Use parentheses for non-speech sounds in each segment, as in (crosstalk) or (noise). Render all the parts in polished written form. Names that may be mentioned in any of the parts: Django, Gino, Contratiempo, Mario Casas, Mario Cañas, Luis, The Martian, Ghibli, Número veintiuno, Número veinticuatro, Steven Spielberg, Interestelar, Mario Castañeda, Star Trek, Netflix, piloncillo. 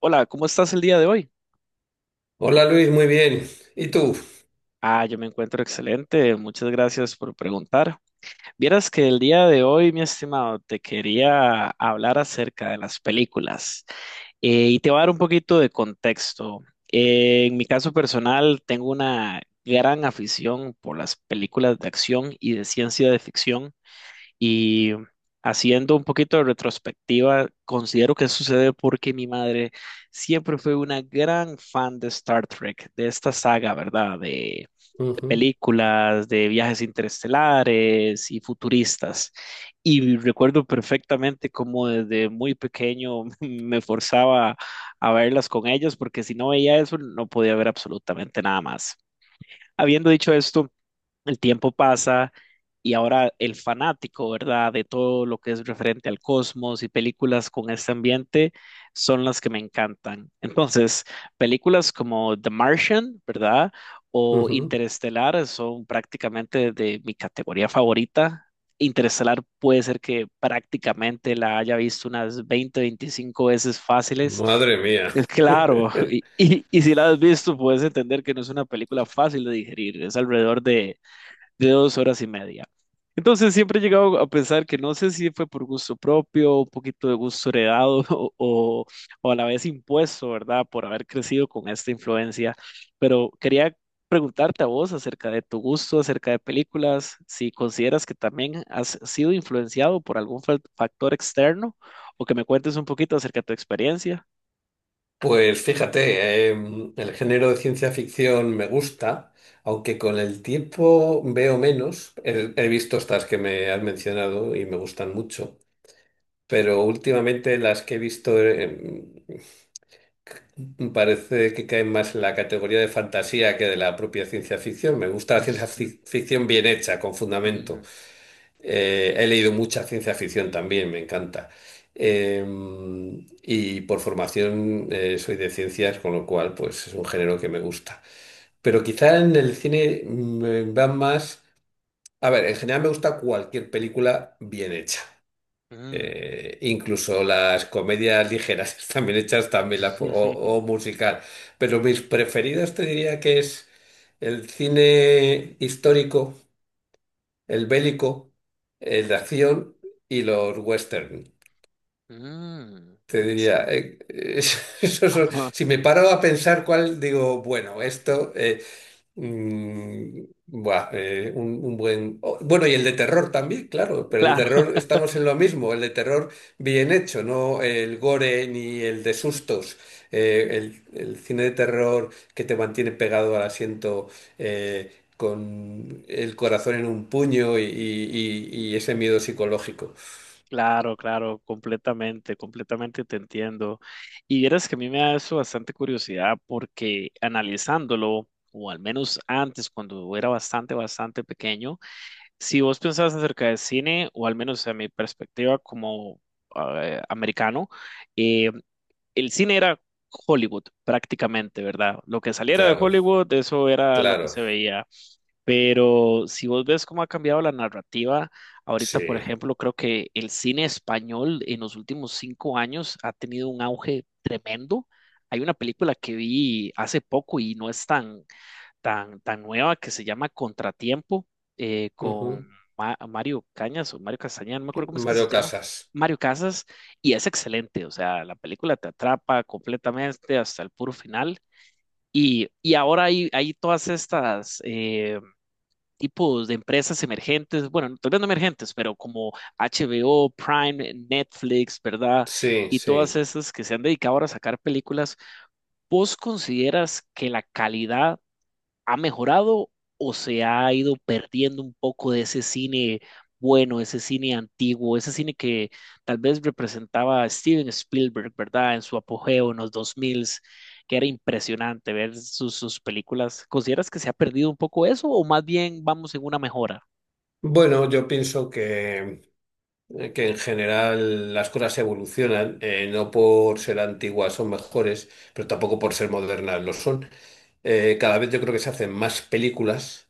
Hola, ¿cómo estás el día de hoy? Hola Luis, muy bien. ¿Y tú? Ah, yo me encuentro excelente, muchas gracias por preguntar. Vieras que el día de hoy, mi estimado, te quería hablar acerca de las películas y te voy a dar un poquito de contexto. En mi caso personal, tengo una gran afición por las películas de acción y de ciencia de ficción. Y haciendo un poquito de retrospectiva, considero que sucede porque mi madre siempre fue una gran fan de Star Trek, de esta saga, ¿verdad? De Ujú, películas, de viajes interestelares y futuristas. Y recuerdo perfectamente cómo desde muy pequeño (laughs) me forzaba a verlas con ellos, porque si no veía eso, no podía ver absolutamente nada más. Habiendo dicho esto, el tiempo pasa y ahora el fanático, ¿verdad? De todo lo que es referente al cosmos y películas con este ambiente son las que me encantan. Entonces, películas como The Martian, ¿verdad? O ujú. Interestelar son prácticamente de mi categoría favorita. Interestelar puede ser que prácticamente la haya visto unas 20, 25 veces fáciles. Madre mía. Es claro, (laughs) (laughs) y si la has visto, puedes entender que no es una película fácil de digerir. Es alrededor de dos horas y media. Entonces siempre he llegado a pensar que no sé si fue por gusto propio, un poquito de gusto heredado (laughs) o a la vez impuesto, ¿verdad? Por haber crecido con esta influencia. Pero quería preguntarte a vos acerca de tu gusto, acerca de películas, si consideras que también has sido influenciado por algún factor externo o que me cuentes un poquito acerca de tu experiencia. Pues fíjate, el género de ciencia ficción me gusta, aunque con el tiempo veo menos. He visto estas que me has mencionado y me gustan mucho, pero últimamente las que he visto, parece que caen más en la categoría de fantasía que de la propia ciencia ficción. Me gusta la ciencia Mm, ficción bien hecha, con fundamento. mm, He leído mucha ciencia ficción también, me encanta. Eh, y por formación soy de ciencias, con lo cual pues es un género que me gusta. Pero quizá en el cine me van más. A ver, en general me gusta cualquier película bien hecha. mm, Incluso las comedias ligeras (laughs) están bien hechas también, (laughs) o musical. Pero mis preferidos te diría que es el cine histórico, el bélico, el de acción y los western. mm. Te diría, (laughs) Ajá, si me paro a pensar cuál, digo, bueno, buah, un buen. Oh, bueno, y el de terror también, claro, pero el de claro. terror estamos en lo mismo, el de terror bien hecho, no el gore ni el de sustos. El cine de terror que te mantiene pegado al asiento, eh, con el corazón en un puño y ese miedo psicológico. Claro, claro, completamente, completamente te entiendo. Y vieras que a mí me da eso bastante curiosidad porque analizándolo, o al menos antes, cuando era bastante, bastante pequeño, si vos pensabas acerca de cine, o al menos a mi perspectiva como americano, eh, el cine era Hollywood prácticamente, ¿verdad? Lo que saliera de Claro, Hollywood, eso era lo que claro, se veía. Pero si vos ves cómo ha cambiado la narrativa, ahorita, por sí. ejemplo, creo que el cine español en los últimos cinco años ha tenido un auge tremendo. Hay una película que vi hace poco y no es tan, tan, tan nueva que se llama Contratiempo con Ujú. Mario Cañas o Mario Castañeda, no me acuerdo cómo es que se Mario llama. Casas. Mario Casas, y es excelente, o sea, la película te atrapa completamente hasta el puro final. Y ahora hay, hay todas estas tipos de empresas emergentes, bueno, tal vez no emergentes, pero como HBO, Prime, Netflix, ¿verdad? Sí, Y todas sí. esas que se han dedicado ahora a sacar películas, ¿vos consideras que la calidad ha mejorado o se ha ido perdiendo un poco de ese cine bueno, ese cine antiguo, ese cine que tal vez representaba a Steven Spielberg, ¿verdad? En su apogeo en los 2000, que era impresionante ver sus, sus películas. ¿Consideras que se ha perdido un poco eso o más bien vamos en una mejora? Bueno, yo pienso que en general las cosas evolucionan, no por ser antiguas son mejores, pero tampoco por ser modernas lo son. Cada vez yo creo que se hacen más películas,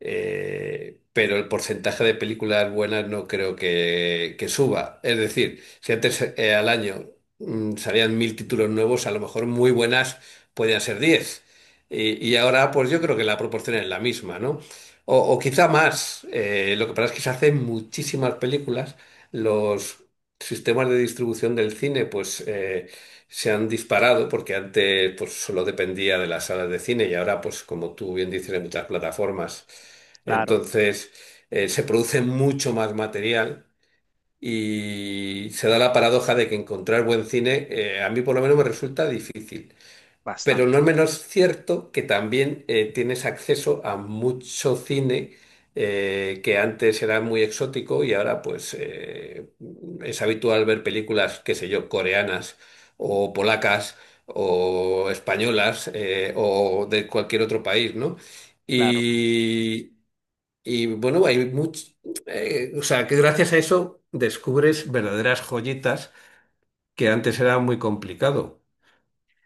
pero el porcentaje de películas buenas no creo que suba. Es decir, si antes, al año, salían mil títulos nuevos, a lo mejor muy buenas podían ser 10. Y ahora, pues yo creo Ujú. que la proporción es la misma, ¿no? O quizá más. Lo que pasa es que se hacen muchísimas películas. Los sistemas de distribución del cine, pues, se han disparado porque antes pues solo dependía de las salas de cine y ahora pues como tú bien dices hay muchas plataformas. Claro, Entonces, se produce mucho más material y se da la paradoja de que encontrar buen cine, a mí por lo menos me resulta difícil. Pero no bastante, es menos cierto que también, tienes acceso a mucho cine, que antes era muy exótico y ahora pues, es habitual ver películas, qué sé yo, coreanas o polacas o españolas, o de cualquier otro país, ¿no? claro. Y, bueno, hay mucho, o sea, que gracias a eso descubres verdaderas joyitas que antes era muy complicado.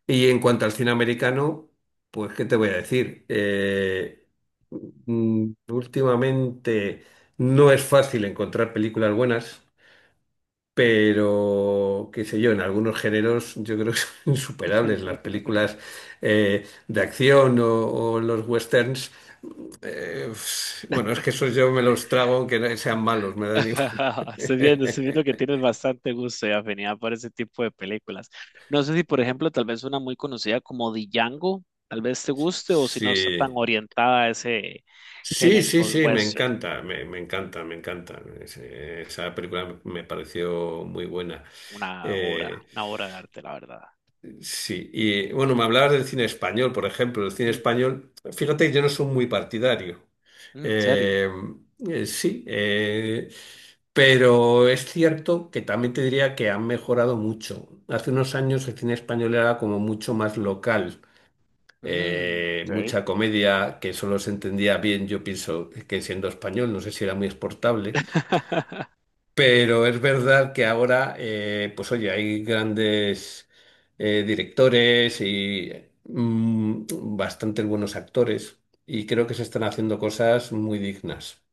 Y en cuanto al cine americano, pues, ¿qué te voy a decir? Últimamente no es fácil encontrar películas buenas, pero, qué sé yo, en algunos géneros yo creo que son (laughs) insuperables. Las (laughs) películas, de acción o los westerns, eh, bueno, es que esos yo me los trago aunque no sean malos, me dan igual. (laughs) Estoy viendo (laughs) que tienes bastante gusto y afinidad por ese tipo de películas. No sé si, por ejemplo, tal vez una muy conocida como Django, tal vez te guste o si no está tan Sí. orientada a ese Sí, género sí, sí, me western. encanta, me encanta, me encanta. Esa película me pareció muy buena. Eh, Una obra de arte, la verdad. sí, y bueno, me hablabas del cine español, por ejemplo. El cine Mm, español, fíjate que yo no soy muy partidario. mm, ¿en serio? Eh, sí, pero es cierto que también te diría que han mejorado mucho. Hace unos años el cine español era como mucho más local. Mm, ok. Mucha comedia que solo se entendía bien, yo pienso que siendo español, no sé si era muy exportable, (laughs) pero es verdad que ahora, pues oye, hay grandes directores y bastantes buenos actores, y creo que se están haciendo cosas muy dignas.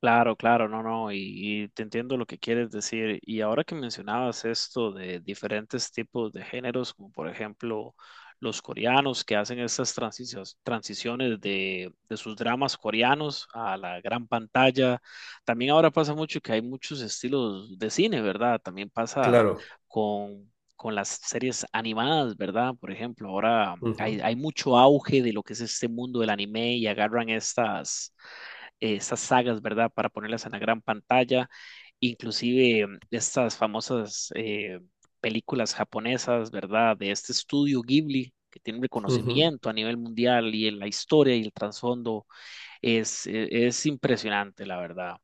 Claro, claro, no, no, y te entiendo lo que quieres decir. Y ahora que mencionabas esto de diferentes tipos de géneros, como por ejemplo los coreanos que hacen estas transiciones, transiciones de sus dramas coreanos a la gran pantalla, también ahora pasa mucho que hay muchos estilos de cine, ¿verdad? También pasa Claro. con, con las series animadas, ¿verdad? Por ejemplo, ahora hay mucho auge de lo que es este mundo del anime y agarran estas esas sagas, ¿verdad? Para ponerlas en la gran pantalla, inclusive estas famosas películas japonesas, ¿verdad? De este estudio Ghibli, que tiene un Ujú, ujú. reconocimiento a nivel mundial y en la historia y el trasfondo es impresionante, la verdad.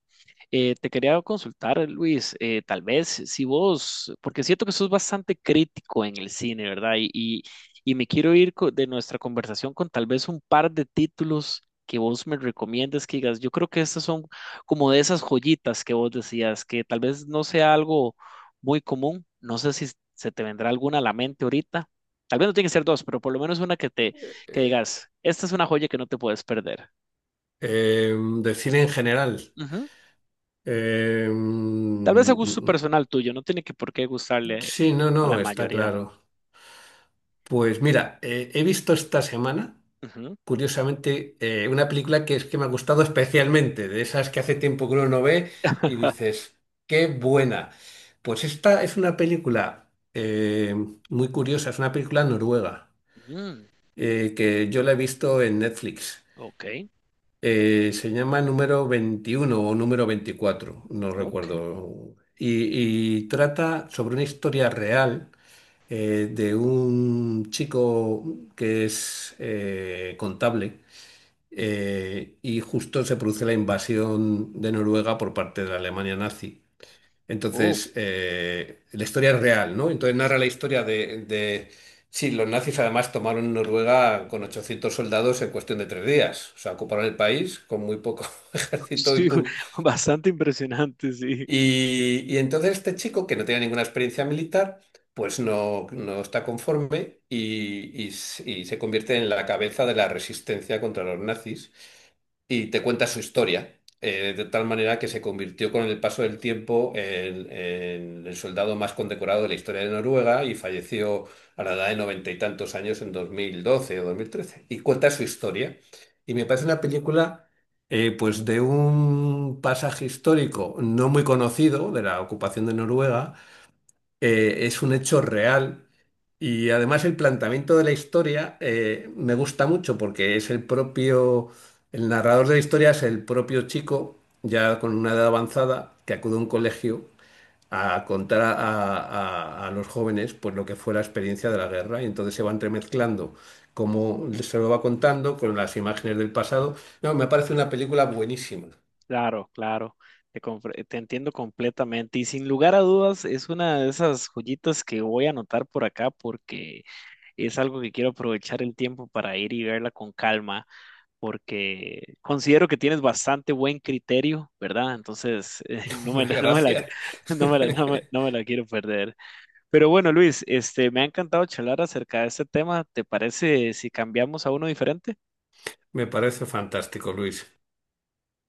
Te quería consultar, Luis, tal vez si vos, porque siento que sos bastante crítico en el cine, ¿verdad? Y me quiero ir de nuestra conversación con tal vez un par de títulos que vos me recomiendes que digas, yo creo que estas son como de esas joyitas que vos decías, que tal vez no sea algo muy común, no sé si se te vendrá alguna a la mente ahorita, tal vez no tiene que ser dos, pero por lo menos una que te, que Eh, digas, esta es una joya que no te puedes perder. De cine en general. Eh, Tal vez a mm, gusto mm, personal tuyo, no tiene que por qué mm. gustarle Sí, no, a la no, está mayoría. claro. Pues mira, he visto esta semana, Ujú. curiosamente, una película que es que me ha gustado especialmente, de esas que hace tiempo que uno no ve y Ja. dices, qué buena. Pues esta es una película, muy curiosa, es una película noruega, Mm, que yo la he visto en Netflix. ok, Se llama Número 21 o Número 24, no ok. recuerdo. Y trata sobre una historia real, de un chico que es, contable, y justo se produce la invasión de Noruega por parte de la Alemania nazi. Oh, Entonces, la historia es real, ¿no? Entonces narra la historia de. Sí, los nazis además tomaron Noruega con mm, 800 soldados en cuestión de 3 días. O sea, ocuparon el país con muy poco (laughs) (laughs) ejército y, sí, pum, bastante impresionante, sí. y entonces este chico, que no tenía ninguna experiencia militar, pues no, no está conforme y se convierte en la cabeza de la resistencia contra los nazis, y te cuenta su historia, de tal manera que se convirtió con el paso del tiempo en el soldado más condecorado de la historia de Noruega y falleció a la edad de noventa y tantos años en 2012 o 2013. Y cuenta su historia. Y me parece una película, pues de un pasaje histórico no muy conocido de la ocupación de Noruega. Es un hecho real, y además el planteamiento de la historia, me gusta mucho porque es el narrador de la historia es el propio chico, ya con una edad avanzada, que acude a un colegio a contar a los jóvenes pues lo que fue la experiencia de la guerra, y entonces se va entremezclando como se lo va contando con las imágenes del pasado. No, me parece una película buenísima. Claro, claro. Te, compre- te entiendo completamente. Y sin lugar a dudas, es una de esas joyitas que voy a anotar por acá porque es algo que quiero aprovechar el tiempo para ir y verla con calma. Porque considero que tienes bastante buen criterio, ¿verdad? Entonces, (laughs) (laughs) Gracias. (laughs) (laughs) No me la quiero perder. Pero bueno, Luis, este, me ha encantado charlar acerca de este tema. ¿Te parece si cambiamos a uno diferente? Me parece fantástico, Luis.